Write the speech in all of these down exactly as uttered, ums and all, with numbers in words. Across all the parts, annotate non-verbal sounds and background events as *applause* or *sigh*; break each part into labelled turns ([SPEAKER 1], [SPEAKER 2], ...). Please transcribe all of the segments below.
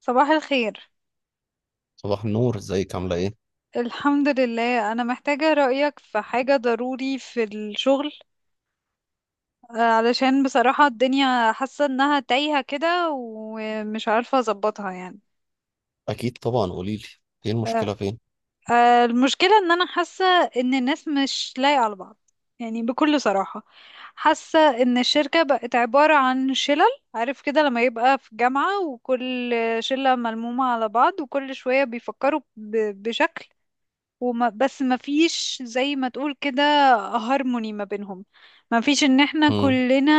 [SPEAKER 1] صباح الخير.
[SPEAKER 2] صباح النور، ازيك؟ عاملة ايه؟
[SPEAKER 1] الحمد لله، أنا محتاجة رأيك في حاجة ضروري في الشغل. آه، علشان بصراحة الدنيا حاسة إنها تايهة كده ومش عارفة أظبطها يعني.
[SPEAKER 2] أكيد طبعا قوليلي، ايه
[SPEAKER 1] آه،
[SPEAKER 2] المشكلة؟ فين؟
[SPEAKER 1] آه، المشكلة إن أنا حاسة إن الناس مش لايقة على بعض، يعني بكل صراحة حاسة إن الشركة بقت عبارة عن شلل. عارف كده لما يبقى في جامعة وكل شلة ملمومة على بعض وكل شوية بيفكروا ب- بشكل، وما بس ما فيش زي ما تقول كده هارموني ما بينهم. ما فيش ان احنا
[SPEAKER 2] مم.
[SPEAKER 1] كلنا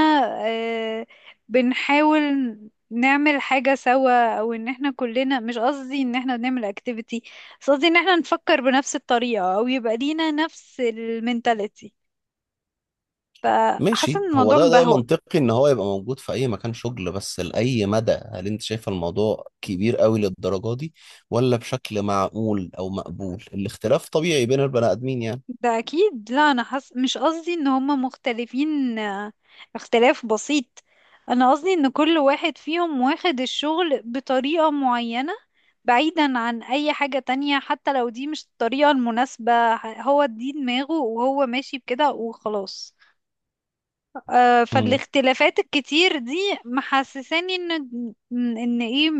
[SPEAKER 1] آه، بنحاول نعمل حاجة سوا، او ان احنا كلنا، مش قصدي ان احنا بنعمل اكتيفيتي، بس قصدي ان احنا نفكر بنفس الطريقة او يبقى لينا نفس المينتاليتي. فحاسة
[SPEAKER 2] ماشي،
[SPEAKER 1] ان
[SPEAKER 2] هو
[SPEAKER 1] الموضوع
[SPEAKER 2] ده ده
[SPEAKER 1] مبهوأ.
[SPEAKER 2] منطقي إن هو يبقى موجود في أي مكان شغل، بس لأي مدى؟ هل أنت شايفة الموضوع كبير قوي للدرجة دي ولا بشكل معقول أو مقبول؟ الاختلاف طبيعي بين البني آدمين يعني.
[SPEAKER 1] ده اكيد، لا انا حس... مش قصدي ان هما مختلفين. آه، اختلاف بسيط. انا قصدي ان كل واحد فيهم واخد الشغل بطريقة معينة، بعيدا عن اي حاجة تانية، حتى لو دي مش الطريقة المناسبة، ه- هو دي دماغه وهو ماشي بكده وخلاص. آه،
[SPEAKER 2] مم.
[SPEAKER 1] فالاختلافات الكتير دي محسساني ان ان ايه،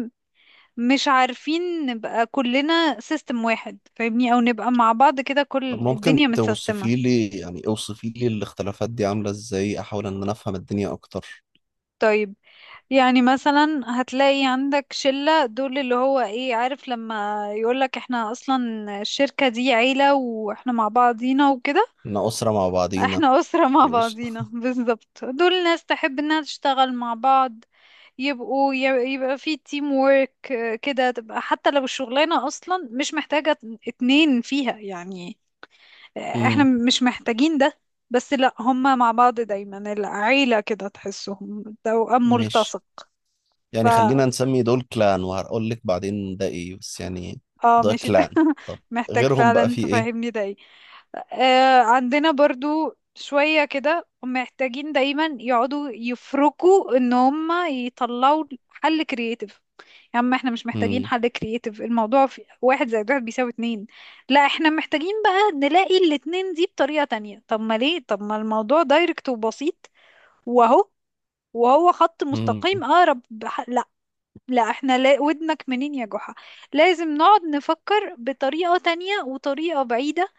[SPEAKER 1] مش عارفين نبقى كلنا سيستم واحد فاهمني، او نبقى مع بعض كده
[SPEAKER 2] طب
[SPEAKER 1] كل
[SPEAKER 2] ممكن
[SPEAKER 1] الدنيا متسيستمة.
[SPEAKER 2] توصفي لي، يعني اوصفي لي الاختلافات دي عاملة ازاي؟ أحاول إن أنا أفهم الدنيا أكتر.
[SPEAKER 1] طيب، يعني مثلا هتلاقي عندك شلة، دول اللي هو ايه، عارف لما يقولك احنا اصلا الشركة دي عيلة واحنا مع بعضينا وكده.
[SPEAKER 2] إحنا أسرة مع بعضينا.
[SPEAKER 1] احنا *laughs* أسرة مع
[SPEAKER 2] ماشي.
[SPEAKER 1] بعضينا بالظبط، دول ناس تحب انها تشتغل مع بعض، يبقوا ي- يبقى في تيم وورك كده، تبقى حتى لو الشغلانة اصلا مش محتاجة اتنين فيها يعني، احنا
[SPEAKER 2] مم.
[SPEAKER 1] مش محتاجين ده، بس لا هما مع بعض دايما، العيلة كده تحسهم توأم
[SPEAKER 2] ماشي،
[SPEAKER 1] ملتصق.
[SPEAKER 2] يعني خلينا نسمي دول كلان، وهقول لك بعدين ده ايه بس يعني.
[SPEAKER 1] اه
[SPEAKER 2] ده
[SPEAKER 1] ماشي، انت
[SPEAKER 2] كلان.
[SPEAKER 1] *laughs*
[SPEAKER 2] طب
[SPEAKER 1] محتاج
[SPEAKER 2] غيرهم بقى
[SPEAKER 1] فعلا
[SPEAKER 2] في ايه؟
[SPEAKER 1] تفهمني ده ايه. آه، عندنا برضو شوية كده محتاجين دايما يقعدوا يفركوا ان هم يطلعوا حل كرياتيف. يا عم احنا مش محتاجين
[SPEAKER 2] مم.
[SPEAKER 1] حل كرياتيف، الموضوع في واحد زائد واحد بيساوي اتنين. لا احنا محتاجين بقى نلاقي الاتنين دي بطريقة تانية، طب ما ليه؟ طب ما الموضوع دايركت وبسيط، وهو وهو خط
[SPEAKER 2] مم.
[SPEAKER 1] مستقيم اقرب. لا احنا لا، ودنك منين يا جحا؟ لازم نقعد نفكر بطريقة تانية وطريقة بعيدة،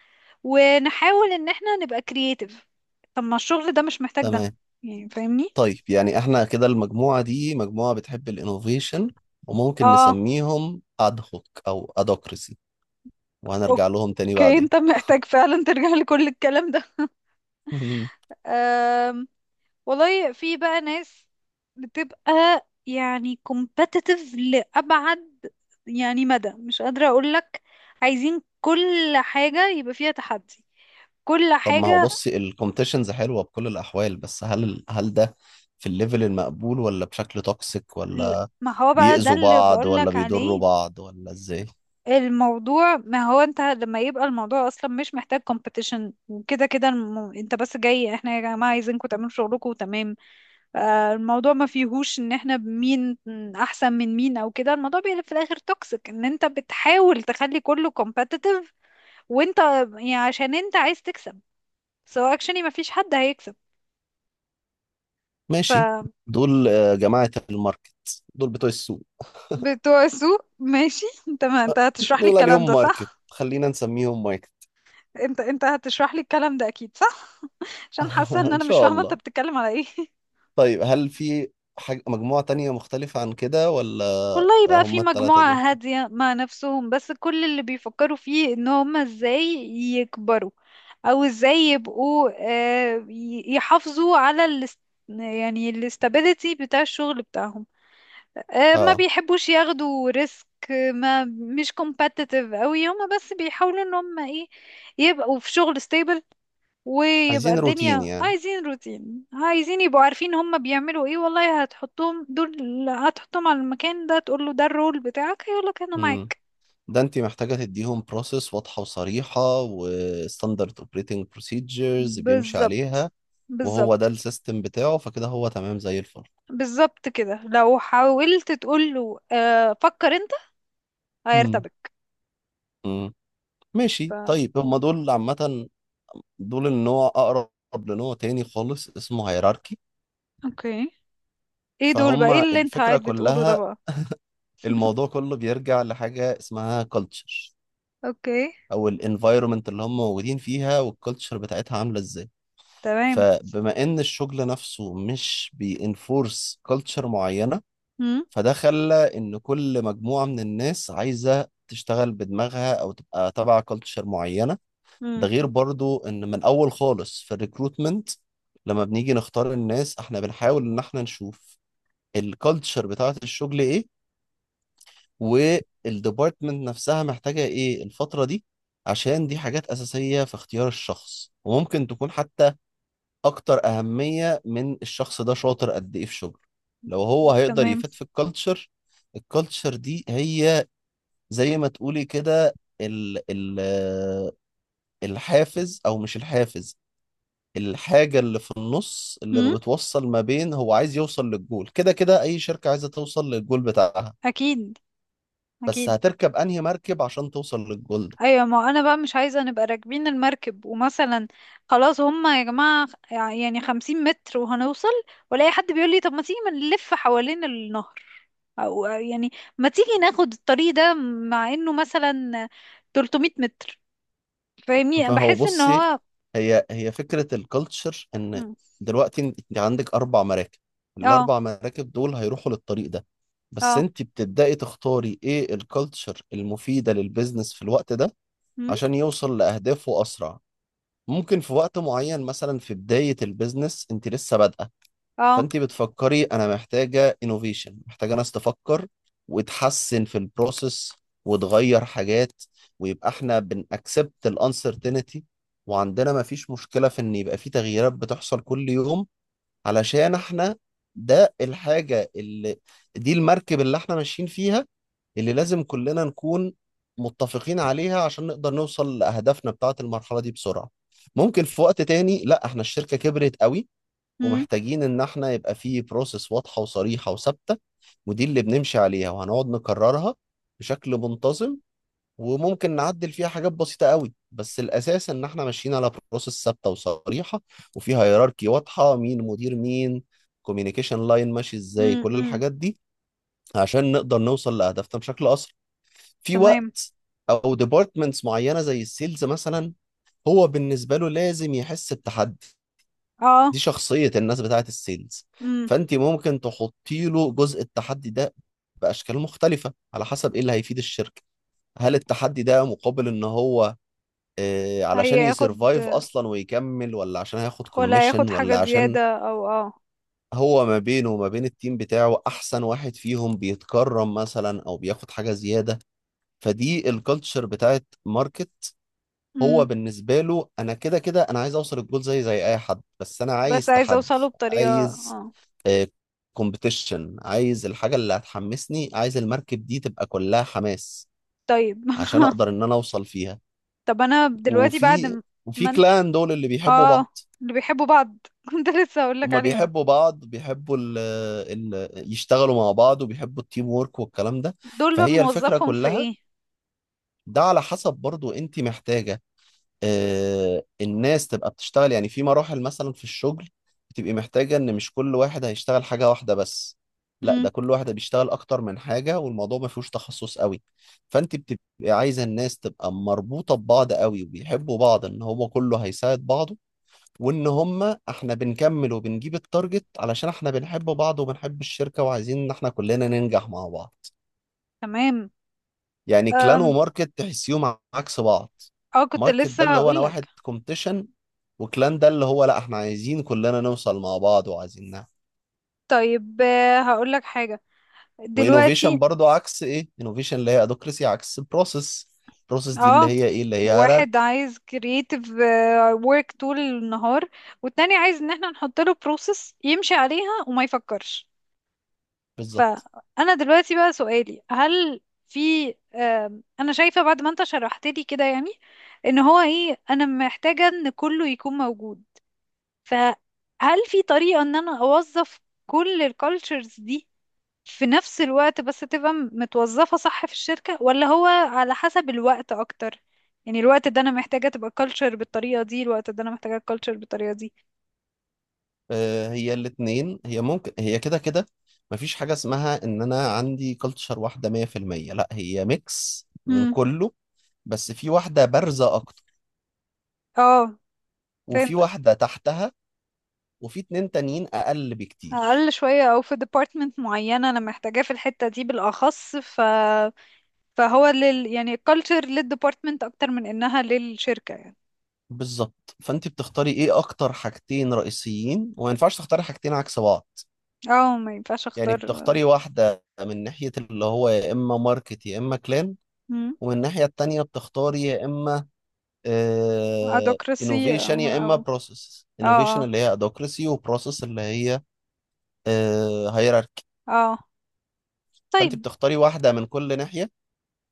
[SPEAKER 1] ونحاول ان احنا نبقى كرييتيف. طب ما الشغل ده مش محتاج ده،
[SPEAKER 2] تمام.
[SPEAKER 1] يعني فاهمني؟
[SPEAKER 2] طيب يعني احنا كده المجموعة دي مجموعة بتحب الانوفيشن، وممكن
[SPEAKER 1] اه
[SPEAKER 2] نسميهم ادهوك او ادوكراسي، وهنرجع لهم تاني
[SPEAKER 1] اوكي،
[SPEAKER 2] بعدين.
[SPEAKER 1] انت محتاج فعلا ترجع *laughs* لكل الكلام ده.
[SPEAKER 2] مم.
[SPEAKER 1] أم. والله في بقى ناس بتبقى يعني competitive لأبعد يعني مدى مش قادرة اقولك، عايزين كل حاجة يبقى فيها تحدي، كل
[SPEAKER 2] طب ما هو
[SPEAKER 1] حاجة.
[SPEAKER 2] بصي، الكومبتيشنز حلوة بكل الاحوال، بس هل هل ده في الليفل المقبول، ولا بشكل توكسيك،
[SPEAKER 1] لا،
[SPEAKER 2] ولا
[SPEAKER 1] ما هو بقى ده
[SPEAKER 2] بيأذوا
[SPEAKER 1] اللي
[SPEAKER 2] بعض ولا
[SPEAKER 1] بقولك
[SPEAKER 2] بيضروا
[SPEAKER 1] عليه.
[SPEAKER 2] بعض ولا ازاي؟
[SPEAKER 1] الموضوع، ما هو انت لما يبقى الموضوع اصلا مش محتاج كومبيتيشن، وكده كده الم... انت بس جاي، احنا يا جماعة عايزينكم تعملوا شغلكم وتمام. آه، الموضوع ما فيهوش ان احنا مين احسن من مين او كده، الموضوع بيبقى في الاخر توكسيك، ان انت بتحاول تخلي كله كومبيتيتيف، وانت يعني عشان انت عايز تكسب، سو اكشني ما فيش حد هيكسب.
[SPEAKER 2] ماشي،
[SPEAKER 1] فبتوع
[SPEAKER 2] دول آه، جماعة الماركت، دول بتوع السوق.
[SPEAKER 1] السوق ماشي *laughs* انت ما انت
[SPEAKER 2] *laughs*
[SPEAKER 1] هتشرح لي
[SPEAKER 2] دول
[SPEAKER 1] الكلام
[SPEAKER 2] عليهم
[SPEAKER 1] ده
[SPEAKER 2] ماركت،
[SPEAKER 1] صح،
[SPEAKER 2] خلينا نسميهم ماركت.
[SPEAKER 1] انت انت هتشرح لي الكلام ده اكيد صح، عشان حاسه
[SPEAKER 2] *laughs*
[SPEAKER 1] ان
[SPEAKER 2] ان
[SPEAKER 1] انا مش
[SPEAKER 2] شاء
[SPEAKER 1] فاهمه انت
[SPEAKER 2] الله.
[SPEAKER 1] بتتكلم على ايه *laughs*
[SPEAKER 2] طيب هل في حاجة مجموعة تانية مختلفة عن كده ولا؟
[SPEAKER 1] والله
[SPEAKER 2] آه،
[SPEAKER 1] بقى في
[SPEAKER 2] هم التلاتة
[SPEAKER 1] مجموعة
[SPEAKER 2] دول.
[SPEAKER 1] هادية مع نفسهم، بس كل اللي بيفكروا فيه ان هم ازاي يكبروا او ازاي يبقوا، آه، ي- يحافظوا على الاست... يعني الاستابيليتي بتاع الشغل بتاعهم. آه، ما
[SPEAKER 2] اه،
[SPEAKER 1] بيحبوش ياخدوا ريسك، ما مش competitive قوي، هم بس بيحاولوا ان هم ايه يبقوا في شغل stable، ويبقى
[SPEAKER 2] عايزين روتين
[SPEAKER 1] الدنيا
[SPEAKER 2] يعني.
[SPEAKER 1] عايزين روتين، عايزين يبقوا عارفين هما بيعملوا ايه. والله هتحطهم دول، هتحطهم على المكان ده تقول له ده الرول بتاعك هيقولك انا
[SPEAKER 2] امم،
[SPEAKER 1] معاك.
[SPEAKER 2] ده انت محتاجة تديهم بروسيس واضحة وصريحة وستاندرد اوبريتنج بروسيجرز بيمشي
[SPEAKER 1] بالظبط،
[SPEAKER 2] عليها، وهو ده
[SPEAKER 1] بالظبط،
[SPEAKER 2] السيستم بتاعه، فكده هو تمام زي الفل.
[SPEAKER 1] بالظبط كده، لو حاولت تقول له آه فكر انت
[SPEAKER 2] امم.
[SPEAKER 1] هيرتبك. ف
[SPEAKER 2] ماشي طيب، هم دول عامة دول النوع أقرب لنوع تاني خالص اسمه هيراركي.
[SPEAKER 1] اوكي، ايه دول بقى؟
[SPEAKER 2] فهم
[SPEAKER 1] ايه اللي انت
[SPEAKER 2] الفكرة
[SPEAKER 1] قاعد بتقوله ده
[SPEAKER 2] كلها،
[SPEAKER 1] بقى؟
[SPEAKER 2] الموضوع كله بيرجع لحاجة اسمها كلتشر،
[SPEAKER 1] اوكي.
[SPEAKER 2] أو الانفايرومنت اللي هم موجودين فيها والكلتشر بتاعتها عاملة ازاي.
[SPEAKER 1] تمام.
[SPEAKER 2] فبما إن الشغل نفسه مش بينفورس كلتشر معينة،
[SPEAKER 1] امم.
[SPEAKER 2] فده خلى إن كل مجموعة من الناس عايزة تشتغل بدماغها أو تبقى تبع كلتشر معينة. ده
[SPEAKER 1] امم.
[SPEAKER 2] غير برضو ان من اول خالص في الريكروتمنت، لما بنيجي نختار الناس احنا بنحاول ان احنا نشوف الكالتشر بتاعة الشغل ايه، والديبارتمنت نفسها محتاجة ايه الفترة دي، عشان دي حاجات اساسية في اختيار الشخص، وممكن تكون حتى اكتر اهمية من الشخص ده شاطر قد ايه في شغله، لو هو هيقدر
[SPEAKER 1] تمام.
[SPEAKER 2] يفيد في الكالتشر. الكالتشر دي هي زي ما تقولي كده ال ال الحافز او مش الحافز، الحاجة اللي في النص اللي
[SPEAKER 1] امم.
[SPEAKER 2] بتوصل ما بين هو عايز يوصل للجول، كده كده أي شركة عايزة توصل للجول بتاعها،
[SPEAKER 1] اكيد،
[SPEAKER 2] بس
[SPEAKER 1] اكيد.
[SPEAKER 2] هتركب أنهي مركب عشان توصل للجول ده؟
[SPEAKER 1] ايوه، ما انا بقى مش عايزه نبقى راكبين المركب ومثلا خلاص هما يا جماعه يعني خمسين متر وهنوصل، والاقي حد بيقول لي طب ما تيجي ما نلف حوالين النهر، او يعني ما تيجي ناخد الطريق ده مع انه مثلا ثلاثمية متر، فاهمني؟
[SPEAKER 2] فهو
[SPEAKER 1] بحس ان
[SPEAKER 2] بصي،
[SPEAKER 1] هو.
[SPEAKER 2] هي هي فكرة الكالتشر إن
[SPEAKER 1] مم.
[SPEAKER 2] دلوقتي أنت عندك أربع مراكب،
[SPEAKER 1] اه.
[SPEAKER 2] الأربع مراكب دول هيروحوا للطريق ده، بس
[SPEAKER 1] اه.
[SPEAKER 2] أنت بتبدأي تختاري إيه الكالتشر المفيدة للبيزنس في الوقت ده
[SPEAKER 1] مم.
[SPEAKER 2] عشان يوصل لأهدافه أسرع. ممكن في وقت معين مثلا، في بداية البيزنس أنت لسه بادئة،
[SPEAKER 1] اه.
[SPEAKER 2] فانت بتفكري انا محتاجه انوفيشن، محتاجه ناس تفكر وتحسن في البروسيس وتغير حاجات، ويبقى احنا بنأكسبت الانسرتينتي، وعندنا ما فيش مشكله في ان يبقى في تغييرات بتحصل كل يوم، علشان احنا ده الحاجه اللي، دي المركب اللي احنا ماشيين فيها، اللي لازم كلنا نكون متفقين عليها عشان نقدر نوصل لأهدافنا بتاعة المرحلة دي بسرعة. ممكن في وقت تاني لا، احنا الشركة كبرت قوي
[SPEAKER 1] مم.
[SPEAKER 2] ومحتاجين ان احنا يبقى فيه بروسيس واضحه وصريحه وثابته، ودي اللي بنمشي عليها وهنقعد نكررها بشكل منتظم، وممكن نعدل فيها حاجات بسيطه قوي، بس الاساس ان احنا ماشيين على بروسيس ثابته وصريحه، وفيها هيراركي واضحه مين مدير مين، كوميونيكيشن لاين ماشي ازاي،
[SPEAKER 1] مم.
[SPEAKER 2] كل
[SPEAKER 1] مم.
[SPEAKER 2] الحاجات دي عشان نقدر نوصل لهدفنا بشكل اسرع في
[SPEAKER 1] تمام.
[SPEAKER 2] وقت. او ديبارتمنتس معينه زي السيلز مثلا، هو بالنسبه له لازم يحس بتحدي،
[SPEAKER 1] اه.
[SPEAKER 2] دي شخصية الناس بتاعت السيلز،
[SPEAKER 1] مم.
[SPEAKER 2] فأنت ممكن تحطي له جزء التحدي ده بأشكال مختلفة على حسب إيه اللي هيفيد الشركة. هل التحدي ده مقابل إن هو آه، علشان
[SPEAKER 1] هياخد،
[SPEAKER 2] يسرفايف أصلا ويكمل، ولا عشان هياخد
[SPEAKER 1] ولا
[SPEAKER 2] كوميشن،
[SPEAKER 1] هياخد حاجه
[SPEAKER 2] ولا عشان
[SPEAKER 1] زياده او اه.
[SPEAKER 2] هو ما بينه وما بين التيم بتاعه أحسن واحد فيهم بيتكرم مثلا أو بياخد حاجة زيادة. فدي الكالتشر بتاعت ماركت، هو
[SPEAKER 1] مم.
[SPEAKER 2] بالنسبة له أنا كده كده أنا عايز أوصل الجول زي زي أي حد، بس أنا
[SPEAKER 1] بس
[SPEAKER 2] عايز
[SPEAKER 1] عايزه اوصله
[SPEAKER 2] تحدي،
[SPEAKER 1] بطريقه
[SPEAKER 2] عايز
[SPEAKER 1] اه.
[SPEAKER 2] كومبيتيشن، عايز الحاجة اللي هتحمسني، عايز المركب دي تبقى كلها حماس
[SPEAKER 1] طيب
[SPEAKER 2] عشان أقدر إن أنا أوصل فيها.
[SPEAKER 1] *laughs* طب انا دلوقتي بعد
[SPEAKER 2] وفي
[SPEAKER 1] م-
[SPEAKER 2] وفي
[SPEAKER 1] ما انت،
[SPEAKER 2] كلان دول اللي بيحبوا
[SPEAKER 1] اه
[SPEAKER 2] بعض،
[SPEAKER 1] اللي بيحبوا بعض *laughs* كنت لسه هقول لك
[SPEAKER 2] هما
[SPEAKER 1] عليهم،
[SPEAKER 2] بيحبوا بعض، بيحبوا ال ال يشتغلوا مع بعض وبيحبوا التيم وورك والكلام ده.
[SPEAKER 1] دول بقى
[SPEAKER 2] فهي الفكرة
[SPEAKER 1] بنوظفهم في
[SPEAKER 2] كلها،
[SPEAKER 1] ايه؟
[SPEAKER 2] ده على حسب برضو انت محتاجة آه، الناس تبقى بتشتغل. يعني في مراحل مثلا في الشغل بتبقي محتاجة ان مش كل واحد هيشتغل حاجة واحدة بس، لا
[SPEAKER 1] امم.
[SPEAKER 2] ده كل واحد بيشتغل اكتر من حاجة والموضوع ما فيهوش تخصص قوي، فانت بتبقي عايزة الناس تبقى مربوطة ببعض قوي وبيحبوا بعض، ان هو كله هيساعد بعضه، وان هما احنا بنكمل وبنجيب التارجت علشان احنا بنحب بعض وبنحب الشركة وعايزين ان احنا كلنا ننجح مع بعض.
[SPEAKER 1] تمام.
[SPEAKER 2] يعني كلان
[SPEAKER 1] أم...
[SPEAKER 2] وماركت تحسيهم عكس بعض،
[SPEAKER 1] اه كنت
[SPEAKER 2] ماركت ده
[SPEAKER 1] لسه
[SPEAKER 2] اللي هو
[SPEAKER 1] هقول
[SPEAKER 2] انا واحد
[SPEAKER 1] لك.
[SPEAKER 2] كومبتيشن، وكلان ده اللي هو لا احنا عايزين كلنا نوصل مع بعض وعايزينها.
[SPEAKER 1] طيب، آه، هقول لك حاجة
[SPEAKER 2] وانوفيشن
[SPEAKER 1] دلوقتي.
[SPEAKER 2] برضو عكس ايه؟ انوفيشن اللي هي ادوكراسي عكس بروسيس، بروسيس دي اللي
[SPEAKER 1] اه،
[SPEAKER 2] هي ايه؟ اللي هي
[SPEAKER 1] واحد
[SPEAKER 2] هيراركي.
[SPEAKER 1] عايز creative آه، work طول النهار، والتاني عايز ان احنا نحط له process يمشي عليها وما يفكرش.
[SPEAKER 2] بالظبط.
[SPEAKER 1] فأنا دلوقتي بقى سؤالي، هل في آم، أنا شايفة بعد ما أنت شرحت لي كده يعني إن هو إيه، أنا محتاجة إن كله يكون موجود، فهل في طريقة إن أنا أوظف كل الكالتشرز دي في نفس الوقت بس تبقى م- متوظفة صح في الشركة، ولا هو على حسب الوقت أكتر، يعني الوقت ده أنا محتاجة تبقى كالتشر بالطريقة دي، الوقت ده أنا محتاجة كالتشر بالطريقة دي؟
[SPEAKER 2] آه، هي الاتنين، هي ممكن هي كده كده مفيش حاجة اسمها ان انا عندي كلتشر واحدة مية في المية، لا هي ميكس من
[SPEAKER 1] امم.
[SPEAKER 2] كله، بس في واحدة بارزة اكتر،
[SPEAKER 1] اه.
[SPEAKER 2] وفي
[SPEAKER 1] فهمت.
[SPEAKER 2] واحدة تحتها، وفي اتنين تانيين اقل بكتير.
[SPEAKER 1] اقل شويه، او في ديبارتمنت معينه انا محتاجاه في الحته دي بالاخص، ف فهو لل يعني الكالتشر للديبارتمنت اكتر من انها للشركه يعني.
[SPEAKER 2] بالظبط، فانت بتختاري ايه اكتر حاجتين رئيسيين، وما ينفعش تختاري حاجتين عكس بعض.
[SPEAKER 1] اه ما ينفعش
[SPEAKER 2] يعني
[SPEAKER 1] اختار
[SPEAKER 2] بتختاري واحدة من ناحية اللي هو يا اما ماركت يا اما كلان، ومن الناحية التانية بتختاري يا اما
[SPEAKER 1] ادوكراسي او
[SPEAKER 2] انوفيشن يا
[SPEAKER 1] او
[SPEAKER 2] اما بروسيس،
[SPEAKER 1] اه،
[SPEAKER 2] انوفيشن
[SPEAKER 1] اه،
[SPEAKER 2] اللي هي ادوكراسي وبروسيس اللي هي هيراركي.
[SPEAKER 1] اه،
[SPEAKER 2] فانت
[SPEAKER 1] طيب.
[SPEAKER 2] بتختاري واحدة من كل ناحية،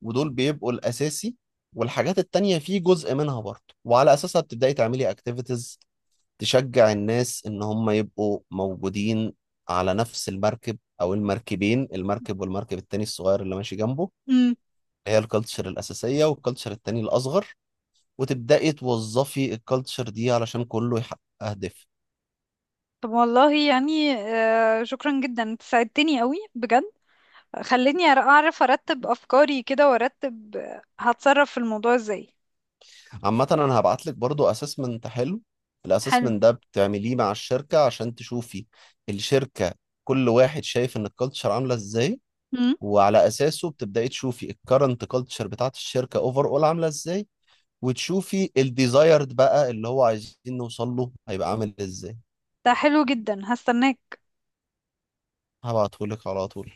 [SPEAKER 2] ودول بيبقوا الاساسي، والحاجات التانية في جزء منها برضه، وعلى أساسها بتبدأي تعملي أكتيفيتيز تشجع الناس إن هم يبقوا موجودين على نفس المركب أو المركبين، المركب والمركب التاني الصغير اللي ماشي جنبه،
[SPEAKER 1] امم.
[SPEAKER 2] هي الكالتشر الأساسية والكالتشر التاني الأصغر، وتبدأي توظفي الكالتشر دي علشان كله يحقق أهداف.
[SPEAKER 1] طب والله يعني، آه شكرا جدا، انت ساعدتني قوي بجد، خلتني أر- اعرف ارتب افكاري كده، وارتب آه، هتصرف في الموضوع ازاي.
[SPEAKER 2] عامة أنا هبعت لك برضو أسسمنت حلو،
[SPEAKER 1] حلو.
[SPEAKER 2] الأسسمنت ده بتعمليه مع الشركة عشان تشوفي الشركة كل واحد شايف إن الكالتشر عاملة إزاي،
[SPEAKER 1] امم.
[SPEAKER 2] وعلى أساسه بتبدأي تشوفي الكرنت كالتشر بتاعت الشركة أوفر أول عاملة إزاي، وتشوفي الديزايرد بقى اللي هو عايزين نوصل له هيبقى عامل ازاي.
[SPEAKER 1] ده حلو جدا، هستناك.
[SPEAKER 2] هبعتهولك على طول.